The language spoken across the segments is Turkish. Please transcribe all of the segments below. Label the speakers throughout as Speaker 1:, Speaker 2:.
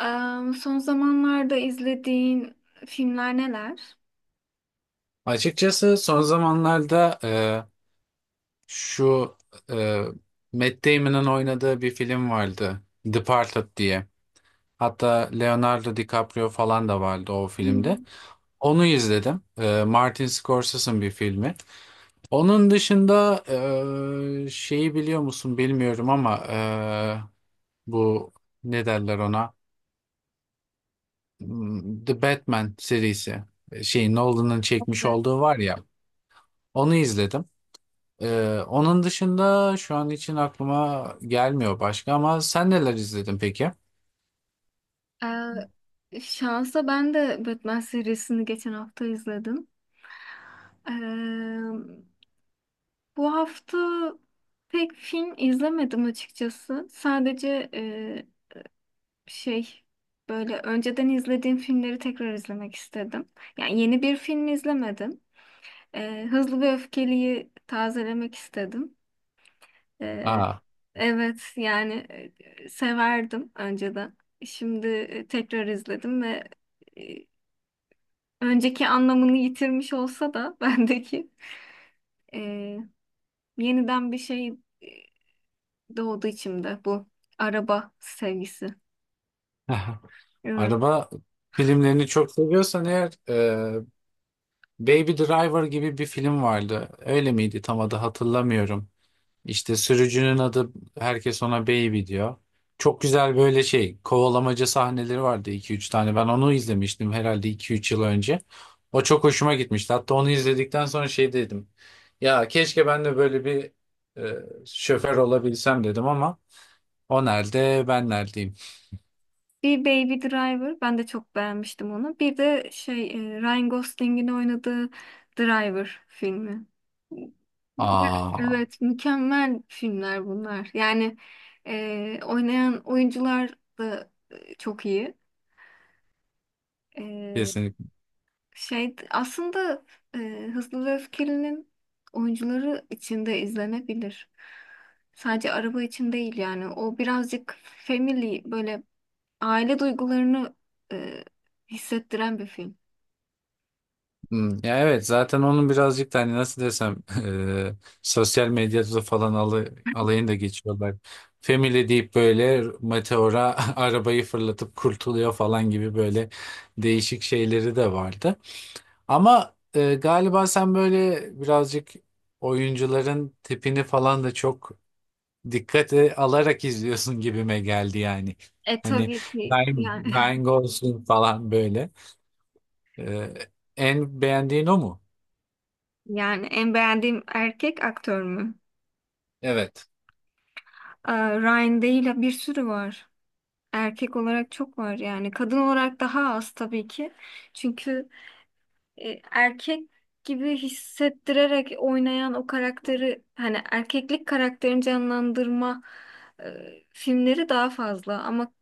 Speaker 1: Son zamanlarda izlediğin filmler neler?
Speaker 2: Açıkçası son zamanlarda şu e, Matt Damon'ın oynadığı bir film vardı. Departed diye. Hatta Leonardo DiCaprio falan da vardı o filmde.
Speaker 1: Hmm,
Speaker 2: Onu izledim. Martin Scorsese'ın bir filmi. Onun dışında şeyi biliyor musun bilmiyorum ama bu ne derler ona? The Batman serisi. Şey Nolan'ın çekmiş
Speaker 1: evet.
Speaker 2: olduğu var ya. Onu izledim. Onun dışında şu an için aklıma gelmiyor başka ama sen neler izledin peki?
Speaker 1: Şansa ben de Batman serisini geçen hafta izledim. Eee, Bu hafta pek film izlemedim açıkçası. Sadece şey, böyle önceden izlediğim filmleri tekrar izlemek istedim. Yani yeni bir film izlemedim. Hızlı ve Öfkeli'yi tazelemek istedim. Ee,
Speaker 2: Aa,
Speaker 1: evet yani, severdim önceden. Şimdi tekrar izledim ve e, önceki anlamını yitirmiş olsa da bendeki, e, yeniden bir şey, e, doğdu içimde bu araba sevgisi. Evet.
Speaker 2: araba filmlerini çok seviyorsan eğer Baby Driver gibi bir film vardı. Öyle miydi? Tam adı hatırlamıyorum. İşte sürücünün adı herkes ona Baby diyor. Çok güzel böyle şey kovalamaca sahneleri vardı iki üç tane. Ben onu izlemiştim herhalde iki üç yıl önce. O çok hoşuma gitmişti. Hatta onu izledikten sonra şey dedim. Ya keşke ben de böyle bir şoför olabilsem dedim ama o nerede ben neredeyim?
Speaker 1: Bir Baby Driver, ben de çok beğenmiştim onu. Bir de şey, Ryan Gosling'in oynadığı Driver filmi.
Speaker 2: Aa.
Speaker 1: Evet, mükemmel filmler bunlar. Yani oynayan oyuncular da çok iyi. E, Şey aslında, Hızlı ve Öfkeli'nin oyuncuları için de izlenebilir. Sadece araba için değil yani. O birazcık family, böyle aile duygularını e, hissettiren bir film.
Speaker 2: Ya evet zaten onun birazcık da hani nasıl desem eee, sosyal medyada falan alayını da geçiyorlar. Family deyip böyle meteora arabayı fırlatıp kurtuluyor falan gibi böyle değişik şeyleri de vardı. Ama galiba sen böyle birazcık oyuncuların tipini falan da çok dikkate alarak izliyorsun gibime geldi yani.
Speaker 1: E
Speaker 2: Hani
Speaker 1: tabii ki yani.
Speaker 2: Ryan Gosling falan böyle. Eee, en beğendiğin o mu?
Speaker 1: Yani en beğendiğim erkek aktör mü?
Speaker 2: Evet.
Speaker 1: Aa, Ryan değil, bir sürü var. Erkek olarak çok var yani. Kadın olarak daha az tabii ki. Çünkü erkek gibi hissettirerek oynayan o karakteri, hani erkeklik karakterini canlandırma filmleri daha fazla ama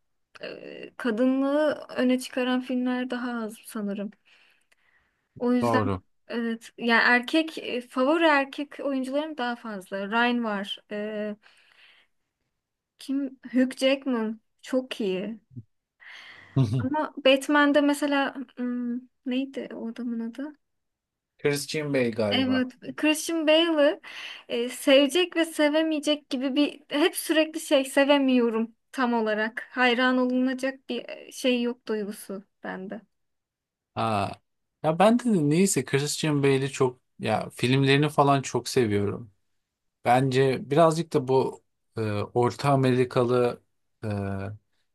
Speaker 1: kadınlığı öne çıkaran filmler daha az sanırım. O yüzden
Speaker 2: Doğru.
Speaker 1: evet yani, erkek favori erkek oyuncularım daha fazla. Ryan var. Kim? Hugh Jackman çok iyi. Ama Batman'de mesela, hmm, neydi o adamın adı?
Speaker 2: Christian Bale galiba.
Speaker 1: Evet, Christian Bale'ı sevecek ve sevemeyecek gibi bir hep sürekli şey, sevemiyorum tam olarak. Hayran olunacak bir şey yok duygusu bende.
Speaker 2: Aa, ya ben de neyse Christian Bale'i çok ya filmlerini falan çok seviyorum. Bence birazcık da bu Orta Amerikalı e,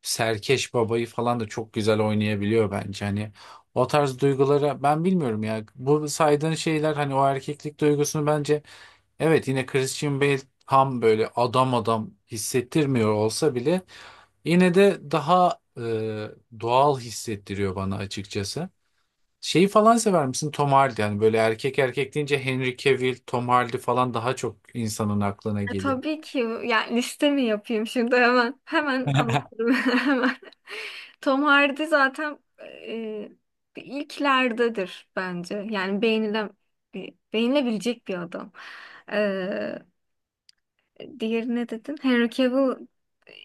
Speaker 2: serkeş babayı falan da çok güzel oynayabiliyor bence. Hani o tarz duygulara ben bilmiyorum ya. Bu saydığın şeyler hani o erkeklik duygusunu bence evet yine Christian Bale tam böyle adam adam hissettirmiyor olsa bile yine de daha doğal hissettiriyor bana açıkçası. Şeyi falan sever misin? Tom Hardy. Yani böyle erkek erkek deyince Henry Cavill, Tom Hardy falan daha çok insanın aklına geliyor.
Speaker 1: Tabii ki yani, liste mi yapayım şimdi? Hemen hemen anlatırım hemen. Tom Hardy zaten e, ilklerdedir bence. Yani beğenilen, beğenilebilecek bir adam. Diğeri ne dedin? Henry Cavill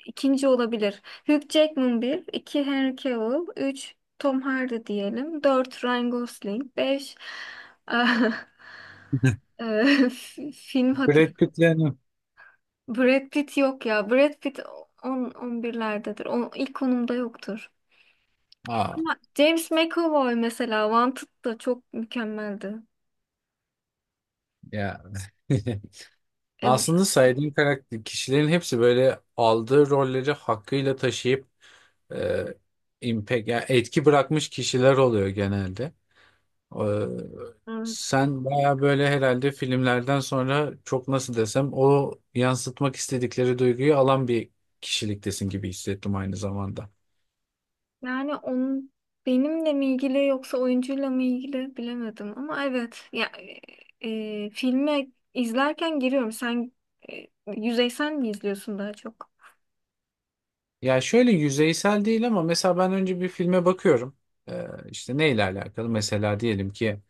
Speaker 1: ikinci olabilir. Hugh Jackman bir, iki Henry Cavill, üç Tom Hardy diyelim, dört Ryan Gosling, beş ah, eh, film hatır.
Speaker 2: Brad Pitt'le hanım.
Speaker 1: Brad Pitt yok ya. Brad Pitt on on birlerdedir, o ilk konumda yoktur.
Speaker 2: Aa,
Speaker 1: Ama James McAvoy mesela, Wanted da çok mükemmeldi.
Speaker 2: ya.
Speaker 1: E,
Speaker 2: Aslında saydığım karakter kişilerin hepsi böyle aldığı rolleri hakkıyla taşıyıp e, impact, yani etki bırakmış kişiler oluyor genelde. Ee,
Speaker 1: Evet.
Speaker 2: sen baya böyle herhalde filmlerden sonra çok nasıl desem o yansıtmak istedikleri duyguyu alan bir kişiliktesin gibi hissettim aynı zamanda.
Speaker 1: Yani onun benimle mi ilgili yoksa oyuncuyla mı ilgili bilemedim ama evet ya, e, filme izlerken giriyorum. Sen e, yüzeysel mi izliyorsun daha çok?
Speaker 2: Ya şöyle yüzeysel değil ama mesela ben önce bir filme bakıyorum. İşte neyle alakalı? Mesela diyelim ki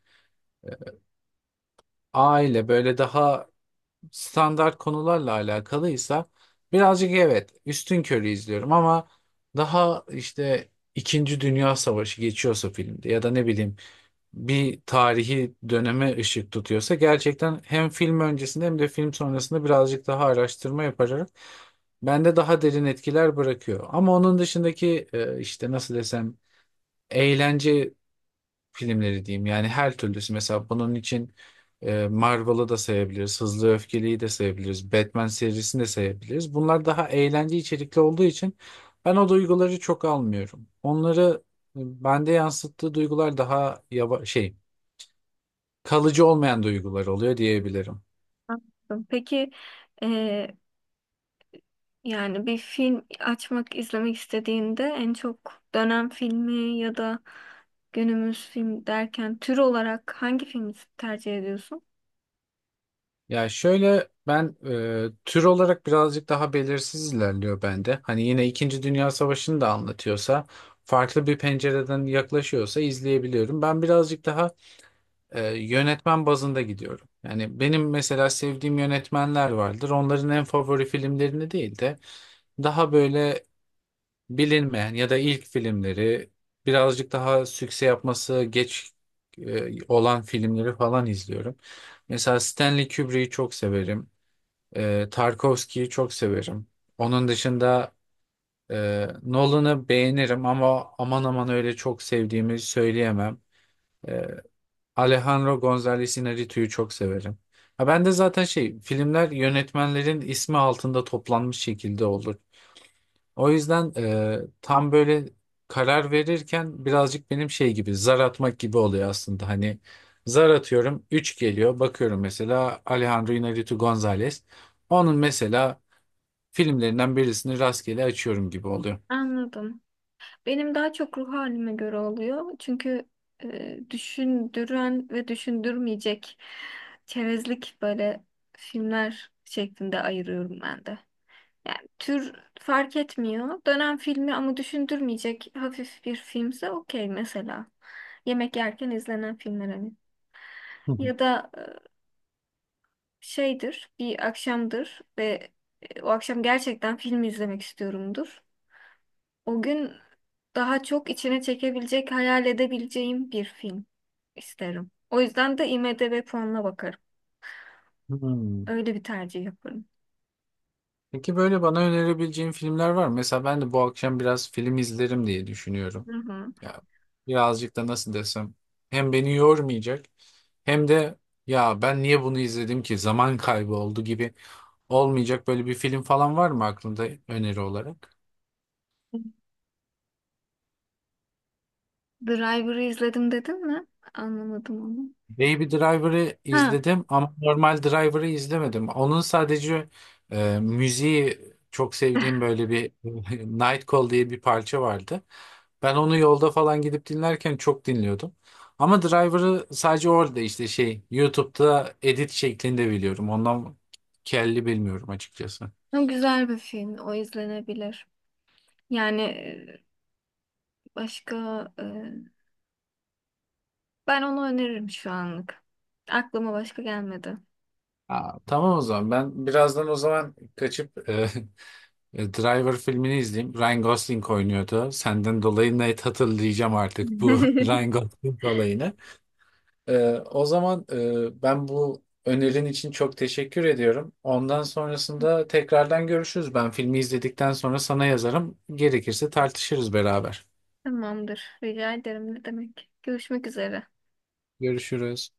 Speaker 2: aile böyle daha standart konularla alakalıysa birazcık evet üstünkörü izliyorum ama daha işte İkinci Dünya Savaşı geçiyorsa filmde ya da ne bileyim bir tarihi döneme ışık tutuyorsa gerçekten hem film öncesinde hem de film sonrasında birazcık daha araştırma yaparak bende daha derin etkiler bırakıyor. Ama onun dışındaki işte nasıl desem eğlence filmleri diyeyim. Yani her türlüsü. Mesela bunun için Marvel'ı da sayabiliriz. Hızlı ve Öfkeli'yi de sayabiliriz. Batman serisini de sayabiliriz. Bunlar daha eğlence içerikli olduğu için ben o duyguları çok almıyorum. Onları bende yansıttığı duygular daha şey kalıcı olmayan duygular oluyor diyebilirim.
Speaker 1: Anladım. Peki, e, yani bir film açmak, izlemek istediğinde en çok dönem filmi ya da günümüz film derken tür olarak hangi filmi tercih ediyorsun?
Speaker 2: Ya şöyle ben tür olarak birazcık daha belirsiz ilerliyor bende. Hani yine İkinci Dünya Savaşı'nı da anlatıyorsa, farklı bir pencereden yaklaşıyorsa izleyebiliyorum. Ben birazcık daha yönetmen bazında gidiyorum. Yani benim mesela sevdiğim yönetmenler vardır. Onların en favori filmlerini değil de daha böyle bilinmeyen ya da ilk filmleri birazcık daha sükse yapması geç olan filmleri falan izliyorum. Mesela Stanley Kubrick'i çok severim. Tarkovski'yi çok severim. Onun dışında Nolan'ı beğenirim ama aman aman öyle çok sevdiğimi söyleyemem. E, Alejandro González Iñárritu'yu çok severim. Ha, ben de zaten şey filmler yönetmenlerin ismi altında toplanmış şekilde olur. O yüzden tam böyle karar verirken birazcık benim şey gibi zar atmak gibi oluyor aslında. Hani zar atıyorum 3 geliyor bakıyorum mesela Alejandro Iñárritu González. Onun mesela filmlerinden birisini rastgele açıyorum gibi oluyor.
Speaker 1: Anladım. Benim daha çok ruh halime göre oluyor. Çünkü düşündüren ve düşündürmeyecek, çerezlik böyle filmler şeklinde ayırıyorum ben de. Yani tür fark etmiyor. Dönem filmi ama düşündürmeyecek hafif bir filmse okey mesela. Yemek yerken izlenen filmler hani.
Speaker 2: Hı hı.
Speaker 1: Ya da şeydir, bir akşamdır ve o akşam gerçekten film izlemek istiyorumdur. O gün daha çok içine çekebilecek, hayal edebileceğim bir film isterim. O yüzden de IMDb puanına bakarım.
Speaker 2: Hmm.
Speaker 1: Öyle bir tercih yaparım.
Speaker 2: Peki böyle bana önerebileceğin filmler var mı? Mesela ben de bu akşam biraz film izlerim diye düşünüyorum.
Speaker 1: Hı hı.
Speaker 2: Ya birazcık da nasıl desem hem beni yormayacak hem de ya ben niye bunu izledim ki zaman kaybı oldu gibi olmayacak böyle bir film falan var mı aklında öneri olarak?
Speaker 1: Driver'ı izledim dedin mi? Anlamadım onu.
Speaker 2: Baby Driver'ı
Speaker 1: Ha,
Speaker 2: izledim ama normal Driver'ı izlemedim. Onun sadece müziği çok sevdiğim böyle bir Night Call diye bir parça vardı. Ben onu yolda falan gidip dinlerken çok dinliyordum. Ama Driver'ı sadece orada işte şey YouTube'da edit şeklinde biliyorum. Ondan kelli bilmiyorum açıkçası.
Speaker 1: o güzel bir film. O izlenebilir. Yani başka... e, Ben onu öneririm şu anlık. Aklıma başka gelmedi.
Speaker 2: Aa, tamam o zaman ben birazdan o zaman kaçıp Driver filmini izleyeyim. Ryan Gosling oynuyordu. Senden dolayı net hatırlayacağım artık bu Ryan Gosling olayını. O zaman ben bu önerin için çok teşekkür ediyorum. Ondan sonrasında tekrardan görüşürüz. Ben filmi izledikten sonra sana yazarım. Gerekirse tartışırız beraber.
Speaker 1: Tamamdır. Rica ederim. Ne demek? Görüşmek üzere.
Speaker 2: Görüşürüz.